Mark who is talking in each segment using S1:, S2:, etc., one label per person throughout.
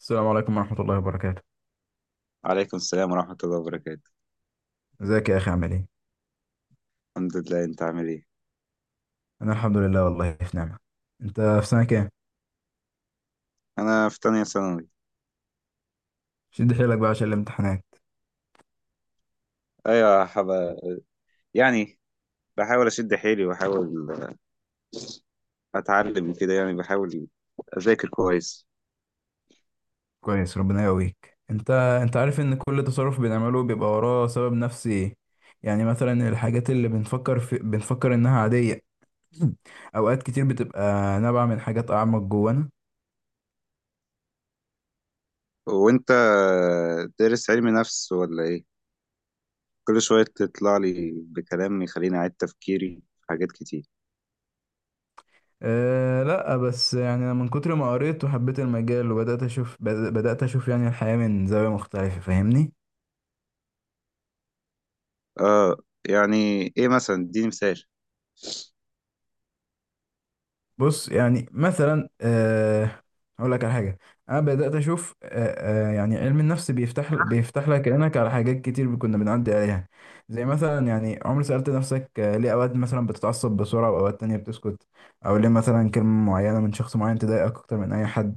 S1: السلام عليكم ورحمة الله وبركاته.
S2: وعليكم السلام ورحمة الله وبركاته.
S1: ازيك يا أخي عامل ايه؟
S2: الحمد لله، انت عامل ايه؟
S1: أنا الحمد لله، والله في نعمة. أنت في سنة كام؟
S2: انا في تانية ثانوي.
S1: شد حيلك بقى عشان الامتحانات.
S2: ايوه، يعني بحاول اشد حيلي، وبحاول اتعلم كده، يعني بحاول اذاكر كويس.
S1: كويس، ربنا يقويك. أنت أنت عارف إن كل تصرف بنعمله بيبقى وراه سبب نفسي. يعني مثلا الحاجات اللي بنفكر إنها عادية. أوقات كتير بتبقى نابعة من حاجات أعمق جوانا.
S2: وانت دارس علم نفس ولا ايه؟ كل شوية تطلع لي بكلام يخليني اعيد تفكيري في حاجات كتير.
S1: أه لا، بس يعني أنا من كتر ما قريت وحبيت المجال وبدأت أشوف بدأت أشوف يعني الحياة من زاوية مختلفة، فاهمني؟
S2: اه، يعني ايه مثلا؟ اديني مثال.
S1: بص يعني مثلا هقول لك على حاجه. انا بدات اشوف يعني علم النفس بيفتح لك عينك على حاجات كتير كنا بنعدي عليها. زي مثلا يعني عمر سالت نفسك، ليه اوقات مثلا بتتعصب بسرعه واوقات تانية بتسكت؟ او ليه مثلا كلمه معينه من شخص معين تضايقك اكتر من اي حد؟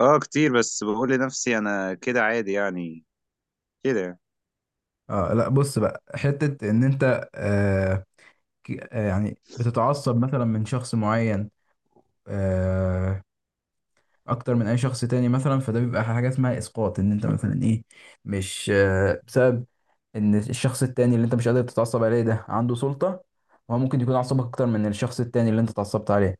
S2: اه، كتير، بس بقول لنفسي انا كده عادي يعني، كده.
S1: اه لا، بص بقى، حته ان انت يعني بتتعصب مثلا من شخص معين، آه، اكتر من اي شخص تاني مثلا، فده بيبقى حاجه اسمها اسقاط. ان انت مثلا ايه، مش بسبب ان الشخص التاني اللي انت مش قادر تتعصب عليه ده عنده سلطه، هو ممكن يكون عصبك اكتر من الشخص التاني اللي انت اتعصبت عليه،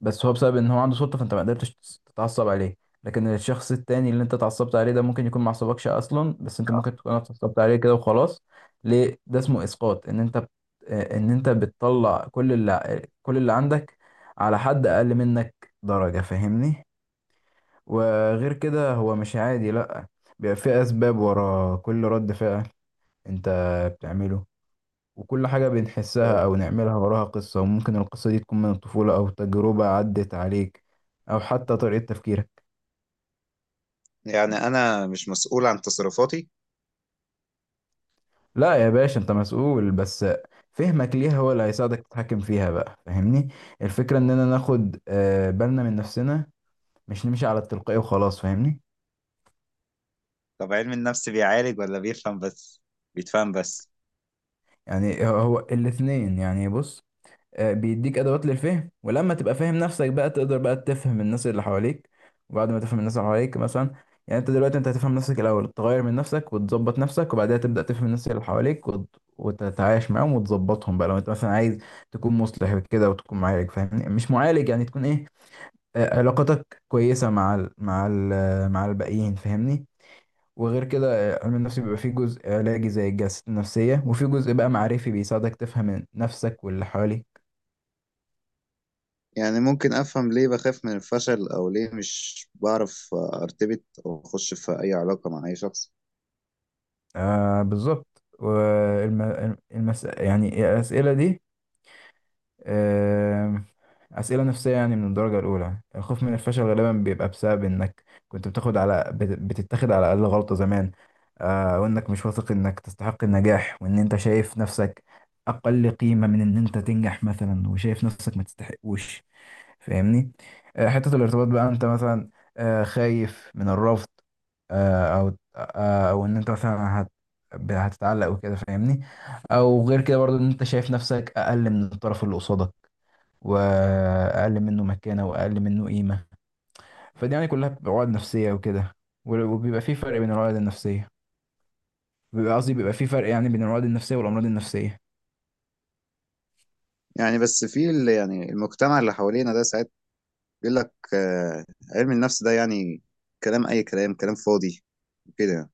S1: بس هو بسبب ان هو عنده سلطه فانت ما قدرتش تتعصب عليه. لكن الشخص التاني اللي انت اتعصبت عليه ده ممكن يكون ما عصبكش اصلا، بس انت ممكن تكون اتعصبت عليه كده وخلاص. ليه ده اسمه اسقاط؟ ان انت بت- آه، ان انت بتطلع كل اللي عندك على حد اقل منك درجه، فاهمني؟ وغير كده هو مش عادي، لأ، بيبقى في أسباب ورا كل رد فعل أنت بتعمله، وكل حاجة
S2: آه.
S1: بنحسها أو نعملها وراها قصة، وممكن القصة دي تكون من الطفولة أو تجربة عدت عليك أو حتى طريقة تفكيرك.
S2: يعني انا مش مسؤول عن تصرفاتي؟
S1: لأ يا باشا، أنت مسؤول، بس فهمك ليها هو اللي هيساعدك تتحكم فيها بقى، فاهمني. الفكرة إننا ناخد بالنا من نفسنا، مش نمشي على التلقائي وخلاص، فاهمني.
S2: طب علم النفس بيعالج ولا بيفهم بس؟ بيتفهم بس؟
S1: يعني هو الاتنين يعني. بص، بيديك ادوات للفهم، ولما تبقى فاهم نفسك بقى تقدر بقى تفهم الناس اللي حواليك. وبعد ما تفهم الناس اللي حواليك مثلا، يعني انت دلوقتي هتفهم نفسك الاول، تغير من نفسك وتظبط نفسك، وبعدها تبدا تفهم الناس اللي حواليك، وتتعايش معاهم وتظبطهم بقى، لو انت مثلا عايز تكون مصلح كده وتكون معالج، فاهمني؟ مش معالج يعني، تكون ايه، علاقتك كويسه مع مع الباقيين، فاهمني. وغير كده علم النفس بيبقى فيه جزء علاجي زي الجلسات النفسية، وفيه جزء بقى معرفي بيساعدك تفهم نفسك واللي حواليك.
S2: يعني ممكن أفهم ليه بخاف من الفشل، أو ليه مش بعرف أرتبط أو أخش في أي علاقة مع أي شخص؟
S1: آه بالظبط. يعني الأسئلة دي آه أسئلة نفسية يعني من الدرجة الأولى. الخوف من الفشل غالبا بيبقى بسبب إنك كنت بتتاخد على أقل غلطة زمان، آه، وإنك مش واثق إنك تستحق النجاح، وإن أنت شايف نفسك أقل قيمة من إن أنت تنجح مثلا، وشايف نفسك ما تستحقوش، فاهمني. حتة الارتباط بقى، انت مثلا خايف من الرفض، آه، او او ان انت مثلا هتتعلق وكده، فاهمني. او غير كده برضو ان انت شايف نفسك اقل من الطرف اللي قصادك، واقل منه مكانة واقل منه قيمة. فدي يعني كلها بتبقى عقد نفسية وكده. وبيبقى في فرق بين العقد النفسية، بيبقى قصدي بيبقى في فرق يعني بين العقد النفسية والامراض النفسية.
S2: يعني بس في يعني المجتمع اللي حوالينا ده ساعات بيقول لك، علم النفس ده يعني كلام، أي كلام، كلام فاضي، وكده يعني.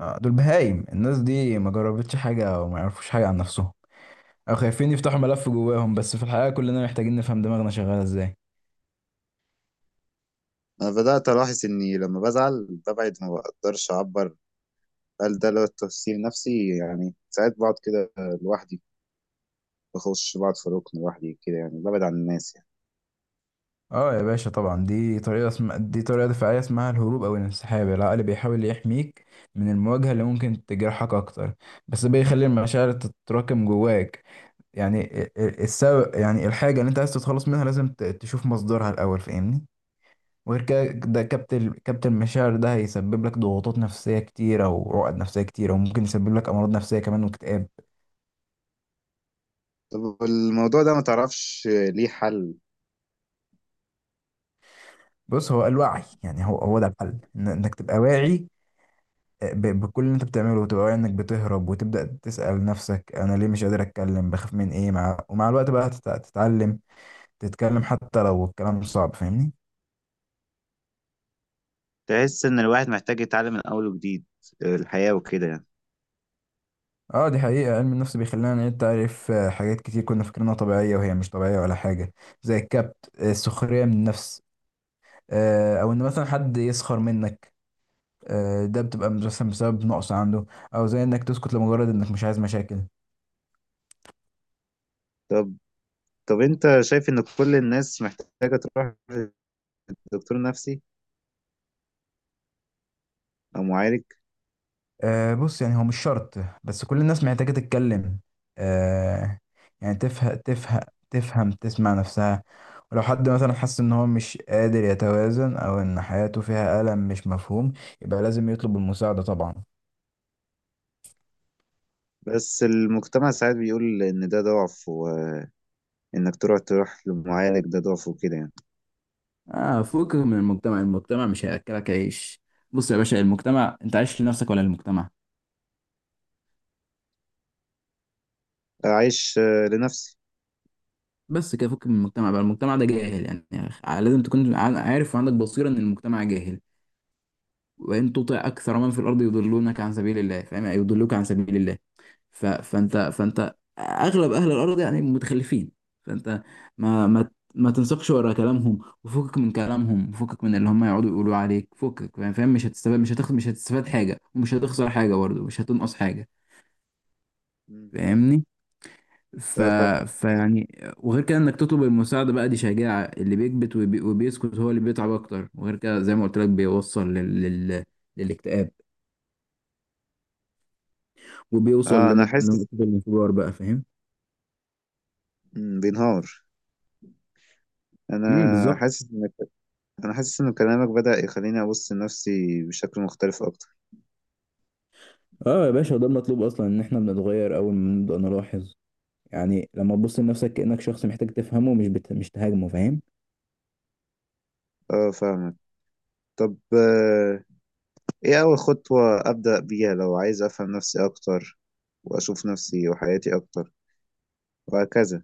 S1: دول بهايم، الناس دي ما جربتش حاجة وما يعرفوش حاجة عن نفسهم، او خايفين يفتحوا ملف جواهم، بس في الحقيقه كلنا محتاجين نفهم دماغنا شغاله ازاي.
S2: أنا بدأت ألاحظ إني لما بزعل ببعد، ما بقدرش أعبر. هل ده لو تفسير نفسي يعني؟ ساعات بقعد كده لوحدي، بخش بقعد في ركن لوحدي كده، يعني ببعد عن الناس يعني.
S1: اه يا باشا طبعا، دي دي طريقه دفاعيه اسمها الهروب او الانسحاب. العقل بيحاول يحميك من المواجهه اللي ممكن تجرحك اكتر، بس بيخلي المشاعر تتراكم جواك. يعني السبب، يعني الحاجه اللي انت عايز تتخلص منها لازم تشوف مصدرها الاول، فاهمني. وغير كده ده كبت المشاعر ده هيسبب لك ضغوطات نفسيه كتيره وعقد نفسيه كتيره، وممكن يسبب لك امراض نفسيه كمان واكتئاب.
S2: طب الموضوع ده ما تعرفش ليه حل؟
S1: بص، هو الوعي يعني، هو ده الحل، انك تبقى واعي، بكل اللي انت بتعمله، وتبقى واعي انك بتهرب، وتبدا تسال نفسك انا ليه مش قادر اتكلم، بخاف من ايه، مع ومع الوقت بقى تتعلم تتكلم حتى لو الكلام صعب، فاهمني.
S2: تحس ان الواحد محتاج يتعلم من اول وجديد الحياة وكده يعني؟
S1: اه دي حقيقة، علم النفس بيخلينا نعيد تعريف حاجات كتير كنا فاكرينها طبيعية وهي مش طبيعية ولا حاجة، زي الكبت، السخرية من النفس، او ان مثلا حد يسخر منك، ده بتبقى مثلا بسبب نقص عنده، او زي انك تسكت لمجرد انك مش عايز مشاكل.
S2: طب طب انت شايف ان كل الناس محتاجة تروح لدكتور نفسي او معالج؟
S1: أه بص، يعني هو مش شرط، بس كل الناس محتاجة تتكلم. أه، يعني تفهم تفهم تسمع نفسها. ولو حد مثلا حس ان هو مش قادر يتوازن، او ان حياته فيها ألم مش مفهوم، يبقى لازم يطلب المساعدة طبعا.
S2: بس المجتمع ساعات بيقول ان ده ضعف، وانك تروح لمعالج ده ضعف وكده يعني.
S1: اه فوق من المجتمع، المجتمع مش هياكلك عيش. بص يا باشا، المجتمع، انت عايش لنفسك ولا للمجتمع؟
S2: اعيش لنفسي.
S1: بس كده، فوق من المجتمع بقى. المجتمع ده جاهل يعني, يعني لازم تكون عارف وعندك بصيرة ان المجتمع جاهل. وان تطع اكثر من في الارض يضلونك عن سبيل الله، فاهم؟ يعني يضلوك عن سبيل الله. فانت، اغلب اهل الارض يعني متخلفين. فانت ما ما ما تنسقش ورا كلامهم، وفكك من كلامهم، وفكك من اللي هم يقعدوا يقولوا عليك، فكك، فاهم فاهم؟ مش هتستفاد، مش هتاخد، مش هتستفاد حاجه، ومش هتخسر حاجه برضه، مش هتنقص حاجه،
S2: مم.
S1: فاهمني. ف...
S2: اه، فاهم.
S1: فيعني وغير كده انك تطلب المساعده بقى دي شجاعه. اللي بيكبت وبيسكت هو اللي بيتعب اكتر، وغير كده زي ما قلت لك بيوصل لل... للاكتئاب، وبيوصل
S2: اه، انا حاسس،
S1: لنقطة الانفجار بقى، فاهم؟
S2: بينهار. انا
S1: بالظبط.
S2: حاسس ان انا حاسس ان كلامك بدأ يخليني ابص لنفسي بشكل مختلف اكتر.
S1: اه يا باشا، ده المطلوب اصلا، ان احنا بنتغير اول ما نبدأ نلاحظ. يعني لما تبص لنفسك كأنك شخص محتاج تفهمه، مش تهاجمه، فاهم؟
S2: اه، فاهم. طب، ايه اول خطوة ابدأ بيها لو عايز افهم نفسي اكتر، واشوف نفسي وحياتي اكتر، وهكذا؟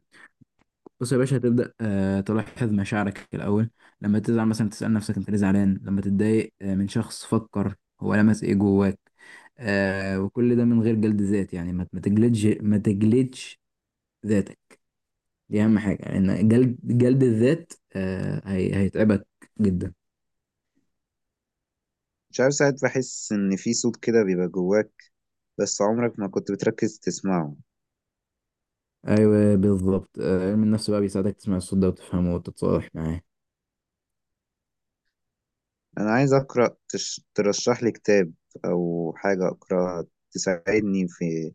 S1: بص يا باشا، هتبدأ تلاحظ مشاعرك الأول. لما تزعل مثلا تسأل نفسك انت ليه زعلان، لما تتضايق من شخص فكر هو لمس ايه جواك، آه، وكل ده من غير جلد ذات. يعني ما تجلدش ما تجلدش ذاتك، دي أهم حاجة، لأن يعني جلد الذات هيتعبك جدا.
S2: مش عارف، ساعات بحس ان في صوت كده بيبقى جواك، بس عمرك ما كنت بتركز تسمعه.
S1: ايوه بالظبط، علم النفس بقى بيساعدك تسمع الصوت ده وتفهمه وتتصالح معاه،
S2: انا عايز اقرأ، ترشح لي كتاب او حاجة اقرأها تساعدني في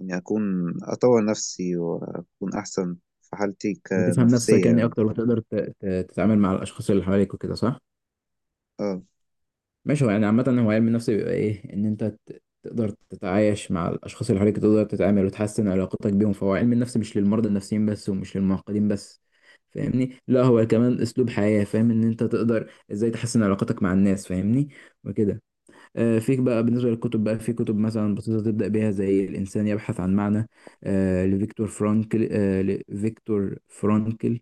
S2: اني اكون اطور نفسي واكون احسن في حالتي
S1: وتفهم نفسك
S2: كنفسية
S1: يعني
S2: يعني.
S1: اكتر، وتقدر تتعامل مع الاشخاص اللي حواليك وكده، صح؟
S2: اه،
S1: ماشي. هو يعني عامه هو علم النفس بيبقى ايه، ان انت تقدر تتعايش مع الاشخاص اللي حواليك، تقدر تتعامل وتحسن علاقتك بيهم. فهو علم النفس مش للمرضى النفسيين بس ومش للمعقدين بس، فاهمني، لا هو كمان اسلوب حياه، فاهم ان انت تقدر ازاي تحسن علاقتك مع الناس، فاهمني، وكده. فيك بقى، بالنسبة للكتب بقى في كتب مثلا بسيطة تبدأ بيها زي الإنسان يبحث عن معنى، لفيكتور فرانكل آه، لفيكتور فرانكل،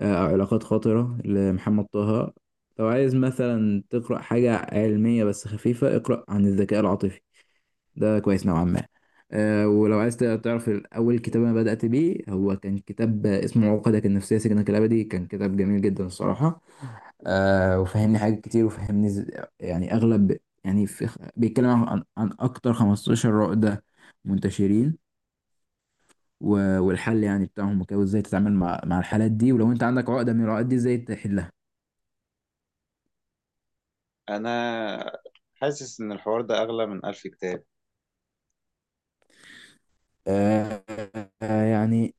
S1: أو علاقات خاطرة لمحمد طه. لو عايز مثلا تقرأ حاجة علمية بس خفيفة اقرأ عن الذكاء العاطفي، ده كويس نوعا ما. ولو عايز تعرف أول كتاب أنا بدأت بيه، هو كان كتاب اسمه عقدك النفسية سجنك الأبدي، كان كتاب جميل جدا الصراحة. آه وفهمني حاجات كتير، يعني اغلب، يعني في بيتكلم عن اكتر 15 عقدة منتشرين، والحل يعني بتاعهم وكده، وازاي تتعامل مع الحالات دي، ولو انت عندك عقدة من العقد دي ازاي تحلها.
S2: انا حاسس ان الحوار ده اغلى من 1000 كتاب.
S1: آه يعني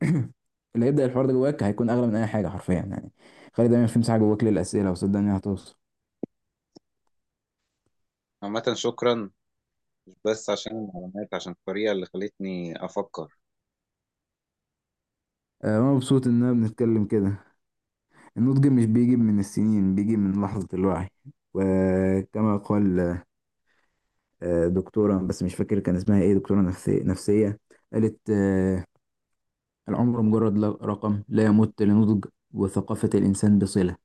S1: اللي هيبدأ الحوار ده جواك هيكون اغلى من اي حاجة حرفيا يعني. خلي دايما في مساحة جواك للأسئلة، وصدقني هتوصل.
S2: عامه شكرا، مش بس عشان المعلومات، عشان الطريقة اللي خلتني أفكر.
S1: آه انا مبسوط اننا بنتكلم كده. النضج مش بيجي من السنين، بيجي من لحظة الوعي. وكما قال دكتورة، بس مش فاكر كان اسمها ايه، دكتورة نفسية، قالت العمر مجرد رقم لا يمت لنضج وثقافة الإنسان بصلة.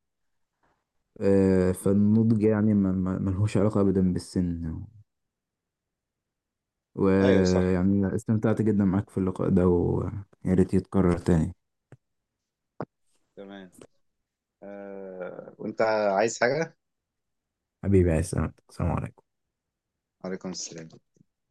S2: مم.
S1: فالنضج يعني ملهوش علاقة أبدا بالسن.
S2: أيوة صح.
S1: ويعني استمتعت جدا معاك في اللقاء ده، ويا ريت يتكرر تاني.
S2: تمام. وأنت عايز حاجة؟
S1: حبيبي يا سلام، السلام عليكم.
S2: عليكم السلام.